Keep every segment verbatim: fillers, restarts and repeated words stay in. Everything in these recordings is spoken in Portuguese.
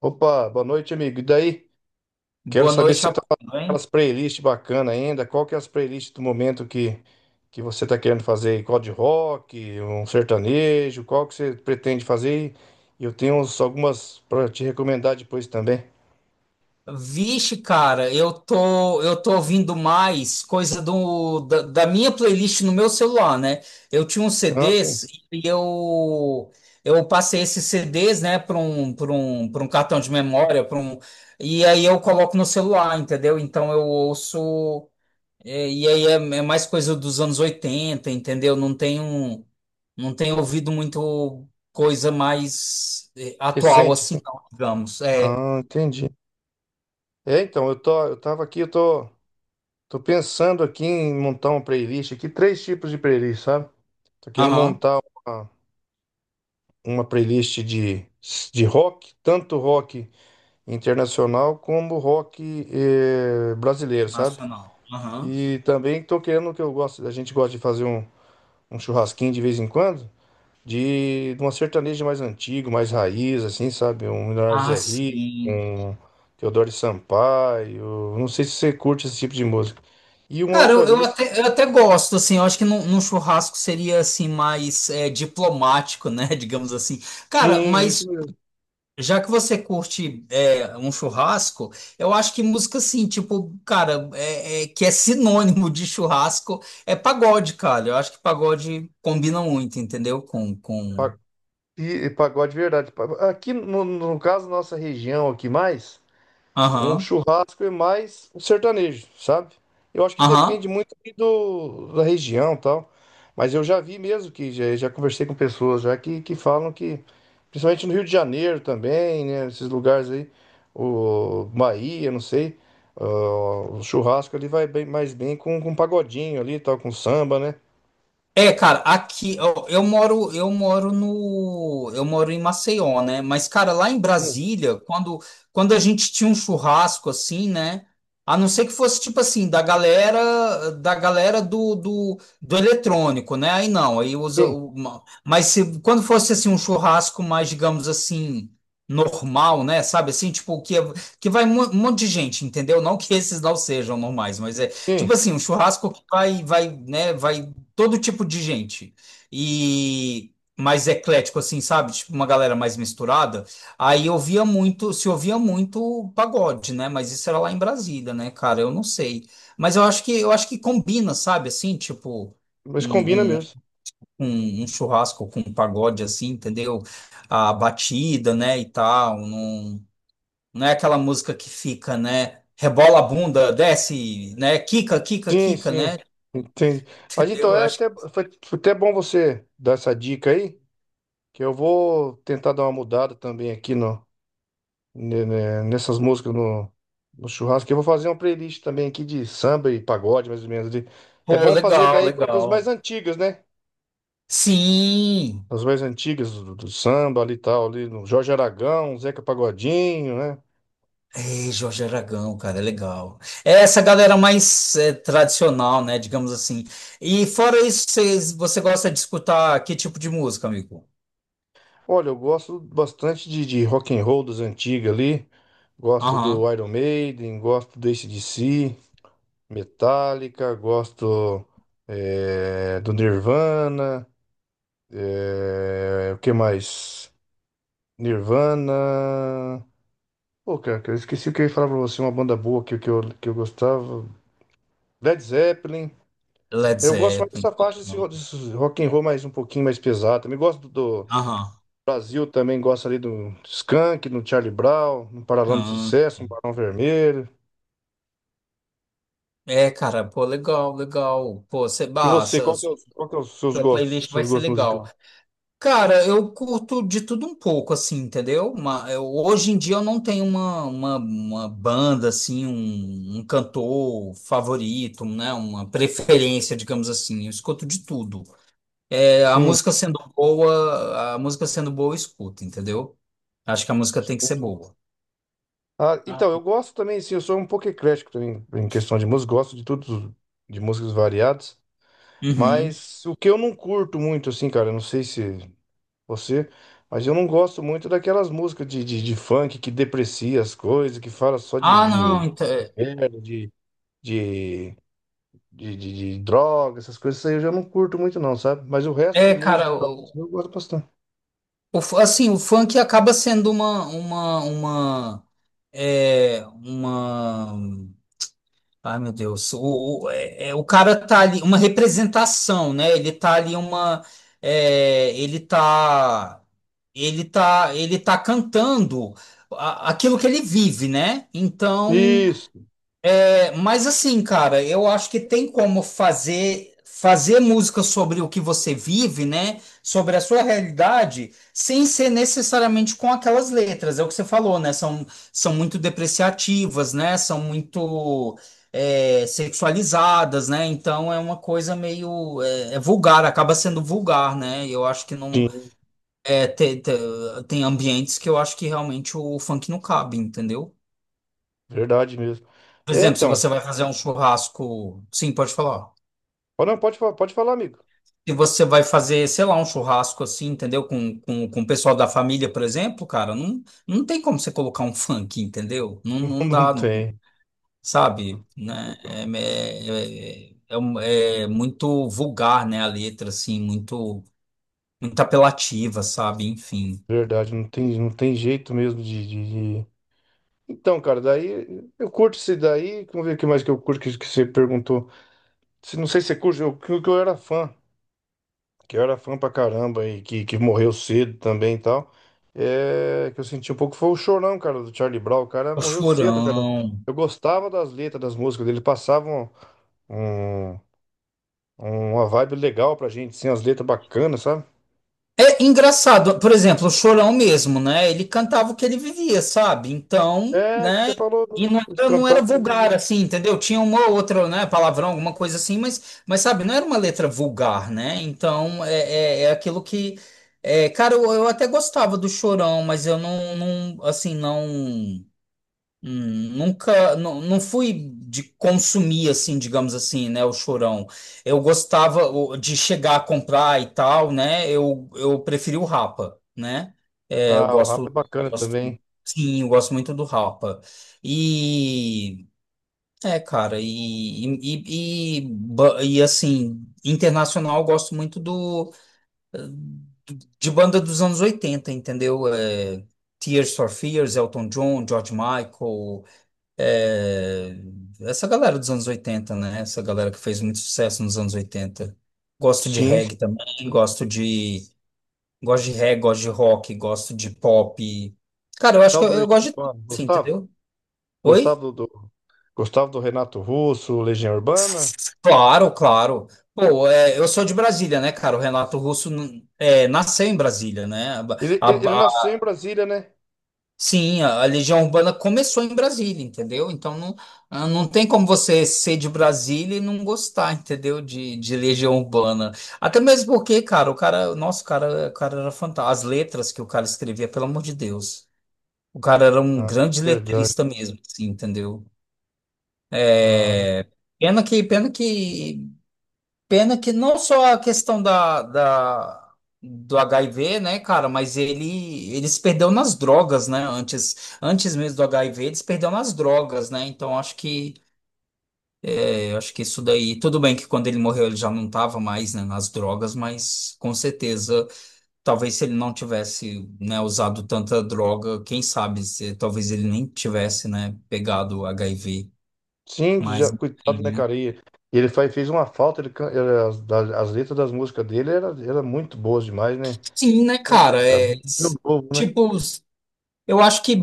Opa, boa noite, amigo. E daí? Quero Boa saber se noite, você tá rapaz. fazendo Tudo bem? aquelas playlists bacanas ainda. Qual que é as playlists do momento que, que você está querendo fazer? Qual de rock, um sertanejo? Qual que você pretende fazer? E eu tenho uns- algumas para te recomendar depois também. Vixe, cara, eu tô eu tô ouvindo mais coisa do da, da minha playlist no meu celular, né? Eu tinha uns Ah, sim. C Ds e eu eu passei esses C Ds, né, para um para um para um cartão de memória, para um. E aí eu coloco no celular, entendeu? Então eu ouço é, e aí é, é mais coisa dos anos oitenta, entendeu? Não tenho não tenho ouvido muito coisa mais eh, atual Recente, assim, sim. não, digamos. É. Ah, entendi. É, então, eu tô, eu tava aqui, eu tô, tô pensando aqui em montar uma playlist aqui, três tipos de playlist, sabe? Tô querendo Aham. montar uma, uma playlist de, de rock, tanto rock internacional como rock eh, brasileiro, sabe? Nacional. Aham. E também tô querendo que eu gosto, a gente gosta de fazer um, um churrasquinho de vez em quando, de, de uma sertaneja mais antigo, mais raiz, assim, sabe? Um Leonardo Ah, Zé Rico, sim. um Teodoro Sampaio, não sei se você curte esse tipo de música. E uma Cara, outra eu, eu lista, até, eu até gosto, assim. Eu acho que num, num churrasco seria, assim, mais é, diplomático, né, digamos assim. Cara, sim, isso mas mesmo, já que você curte é, um churrasco, eu acho que música, assim, tipo, cara, é, é- que é sinônimo de churrasco, é pagode, cara. Eu acho que pagode combina muito, entendeu? Com, com... pa- e e pagode de verdade. Pa- Aqui, no, no caso, nossa região aqui mais. Um Aham, churrasco é mais um sertanejo, sabe? Eu acho que aham. depende muito ali do, da região e tal. Mas eu já vi mesmo que já, já conversei com pessoas já que, que falam que, principalmente no Rio de Janeiro também, né? Esses lugares aí, o Bahia, não sei, ó, o churrasco ali vai bem, mais bem com, com pagodinho ali, e tal, com samba, né? É, cara, aqui eu, eu moro, eu moro no, eu moro em Maceió, né? Mas, cara, lá em Sim, Brasília, quando, quando a gente tinha um churrasco assim, né? A não ser que fosse tipo assim, da galera, da galera do, do, do eletrônico, né? Aí não, aí usa sim, uma. Mas se quando fosse assim um churrasco mais, digamos assim, normal, né? Sabe, assim, tipo que é, que vai mu- um monte de gente, entendeu? Não que esses não sejam normais, mas é... sim. Tipo assim, um churrasco que vai, vai, né, vai todo tipo de gente. E mais eclético, assim, sabe? Tipo, uma galera mais misturada. Aí eu via muito, se ouvia muito pagode, né? Mas isso era lá em Brasília, né, cara? Eu não sei. Mas eu acho que eu acho que combina, sabe? Assim, tipo. Mas combina Um, um, mesmo. Um- um churrasco com um pagode assim, entendeu? A batida, né, e tal. Não, não é aquela música que fica, né? Rebola a bunda, desce, né? Quica, quica, Sim, quica, sim. né? Entendi. Mas então Eu é acho. até, foi foi até bom você dar essa dica aí. Que eu vou tentar dar uma mudada também aqui no, ne- ne- nessas músicas no, no churrasco. Que eu vou fazer uma playlist também aqui de samba e pagode, mais ou menos. De, é Pô, bom fazer legal, daí com das mais legal. antigas, né? Sim! As mais antigas do, do samba ali e tal, ali no Jorge Aragão, Zeca Pagodinho, né? É, Jorge Aragão, cara, é legal. É essa galera mais é, tradicional, né, digamos assim. E fora isso, vocês, você gosta de escutar que tipo de música, amigo? Olha, eu gosto bastante de, de rock and roll das antigas ali. Gosto Aham. do Iron Maiden, gosto do A C/D C, Metallica, gosto eh, do Nirvana. É, o que mais? Nirvana. Pô, cara, eu esqueci o que eu ia falar pra você. Uma banda boa que, que, eu, que eu gostava. Led Zeppelin. Led Eu gosto mais Zeppelin. dessa Pô, faixa desse, ro- legal. desse rock and roll mais um pouquinho mais pesado. Também gosto do, do Aham. Brasil, também gosto ali do Skank, do Charlie Brown, no Paralama do Aham. Sucesso, no Barão Vermelho. É, cara, pô, legal, legal. Pô, você, E bah, você, essa qual que é, os- qual que é os seus sua playlist gostos, vai seus ser gostos legal. musicais? Cara, eu curto de tudo um pouco, assim, entendeu? Uma, eu- hoje em dia eu não tenho uma, uma, uma banda, assim, um, um cantor favorito, né? Uma preferência, digamos assim. Eu escuto de tudo. É, a Sim. música sendo boa, a música sendo boa, eu escuto, entendeu? Acho que a música tem que ser boa. Ah, então, Ah. eu gosto também, sim, eu sou um pouco eclético também em questão de música, gosto de tudo, de músicas variadas. Uhum. Mas o que eu não curto muito, assim, cara, eu não sei se você, mas eu não gosto muito daquelas músicas de, de, de funk que deprecia as coisas, que fala só de, Ah, de, não, de então, é, merda, de, de, de, de, de droga, essas coisas, isso aí eu já não curto muito, não, sabe? Mas o resto de é, cara, música, o, eu gosto bastante. o fu- assim, o funk acaba sendo uma, uma, uma, é, uma... Ai, meu Deus. O, o, é, é, o cara tá ali, uma representação, né? Ele tá ali uma. É, ele tá. Ele tá, ele tá cantando a- aquilo que ele vive, né? Então. Isso, Mas assim, cara, eu acho que tem como fazer fazer música sobre o que você vive, né? Sobre a sua realidade, sem ser necessariamente com aquelas letras. É o que você falou, né? São, são muito depreciativas, né? São muito é, sexualizadas, né? Então é uma coisa meio é, é vulgar, acaba sendo vulgar, né? Eu acho que não sim, é, te- te- tem ambientes que eu acho que realmente o funk não cabe, entendeu? verdade mesmo. Por É, exemplo, se você então, vai fazer um churrasco, sim, pode falar. pode, não, pode, fa- pode falar, amigo. Se você vai fazer, sei lá, um churrasco assim, entendeu? Com, com, com o pessoal da família, por exemplo, cara, não, não tem como você colocar um funk, entendeu? Não, não Não dá, não. tem, Sabe? Né? É, é, é, é um- é muito vulgar, né? A letra, assim, muito, muito apelativa, sabe? Enfim. verdade, não tem, não tem jeito mesmo de, de, de- então, cara, daí eu curto esse daí. Vamos ver o que mais que eu curto que, que você perguntou. Se- Não sei se você curte, eu, que, que eu era fã, que eu era fã pra caramba e que, que morreu cedo também e tal. É, que eu senti um pouco foi o Chorão, cara, do Charlie Brown. O cara O morreu cedo, cara. Chorão. Eu gostava das letras das músicas dele, passavam um, um- uma vibe legal pra gente, assim, as letras bacanas, sabe? É engraçado, por exemplo, o Chorão mesmo, né? Ele cantava o que ele vivia, sabe? Então, É, que você né? falou E não ele era, não era cantava que vivia. vulgar, assim, entendeu? Tinha uma ou outra, né, palavrão, alguma coisa assim, mas, mas sabe, não era uma letra vulgar, né? Então, é, é, é aquilo que. É, cara, eu, eu até gostava do Chorão, mas eu não, não, assim, não. Hum, nunca, não, não fui de consumir assim, digamos assim, né, o Chorão. Eu gostava o- de chegar a comprar e tal, né? Eu, eu preferi o Rapa, né? É, eu Ah, o rap é gosto, bacana gosto, também. sim, eu gosto muito do Rapa. E é, cara, e, e, e, e ba- e, assim, internacional eu gosto muito do de banda dos anos oitenta, entendeu? É, Tears for Fears, Elton John, George Michael. É, essa galera dos anos oitenta, né? Essa galera que fez muito sucesso nos anos oitenta. Gosto de Sim, sim. reggae também, gosto de. Gosto de reggae, gosto de rock, gosto de pop. Cara, eu acho que Tal eu, do eu gosto Legião de tudo, Urbana, assim, gostava? entendeu? Gostava Oi? do, do- Gostava do Renato Russo, Legião Urbana. Claro, claro. Pô, é, eu sou de Brasília, né, cara? O Renato Russo n- é, nasceu em Brasília, né? Ele, A, ele, Ele a- nasceu em Brasília, né? Sim, a a Legião Urbana começou em Brasília, entendeu? Então não, ah, não tem como você ser de Brasília e não gostar, entendeu? De, de Legião Urbana. Até mesmo porque, cara, o cara, nossa, o cara, o cara era fantástico. As letras que o cara escrevia, pelo amor de Deus. O cara era um grande Verdade. letrista mesmo, assim, entendeu? Ah, É, Pena que, pena que Pena que não só a questão da, da- do agá i vê, né, cara, mas ele eles perdeu nas drogas, né? Antes, antes mesmo do agá i vê, eles perderam nas drogas, né? Então acho que eu acho que isso daí, tudo bem que quando ele morreu ele já não estava mais, né, nas drogas, mas com certeza, talvez se ele não tivesse, né, usado tanta droga, quem sabe, se, talvez ele nem tivesse, né, pegado agá i vê, sim, que mas já, enfim, coitado, né, né? cara? E ele faz, fez uma falta, ele, can- era- as, das- as letras das músicas dele eram era, era muito boas demais, né? Sim, né, É, cara, é coitado. Meu povo, né? tipo. Eu acho que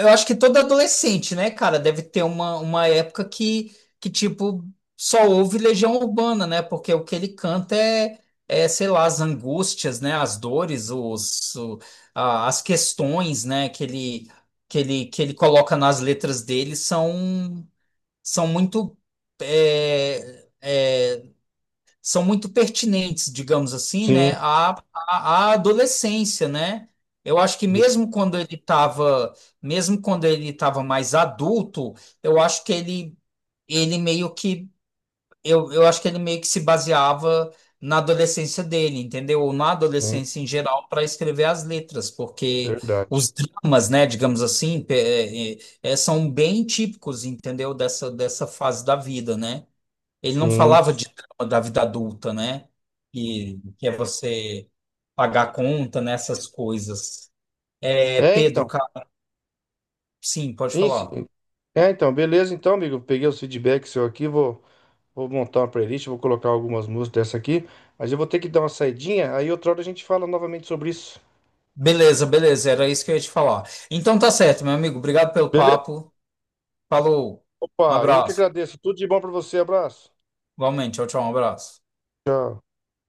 eu acho que todo adolescente, né, cara, deve ter uma, uma época que, que tipo só ouve Legião Urbana, né? Porque o que ele canta é, é sei lá, as angústias, né, as dores, os, o- a- as questões, né, que ele que ele que ele coloca nas letras dele são são muito é, é, são muito pertinentes, digamos assim, Sim, né, à, à, à adolescência, né? Eu acho que sim, mesmo quando ele estava, mesmo quando ele estava mais adulto, eu acho que ele, ele meio que, eu, eu acho que ele meio que se baseava na adolescência dele, entendeu? Ou na adolescência em geral para escrever as letras, porque verdade. os dramas, né, digamos assim, pe- é, é, é, são bem típicos, entendeu? Dessa, dessa fase da vida, né? Ele não Sim. falava de drama da vida adulta, né? Que, que é você pagar a conta nessas coisas. É, É, Pedro, então. ca- sim, pode Isso, falar. é, então, beleza, então, amigo. Peguei os feedbacks seu aqui, vou, vou montar uma playlist, vou colocar algumas músicas dessa aqui, mas eu vou ter que dar uma saidinha, aí outra hora a gente fala novamente sobre isso. Beleza, beleza, era isso que eu ia te falar. Então tá certo, meu amigo. Obrigado pelo Beleza? papo. Falou. Um Opa, eu que abraço. agradeço. Tudo de bom pra você. Abraço. Igualmente, tchau, tchau, um abraço. Tchau.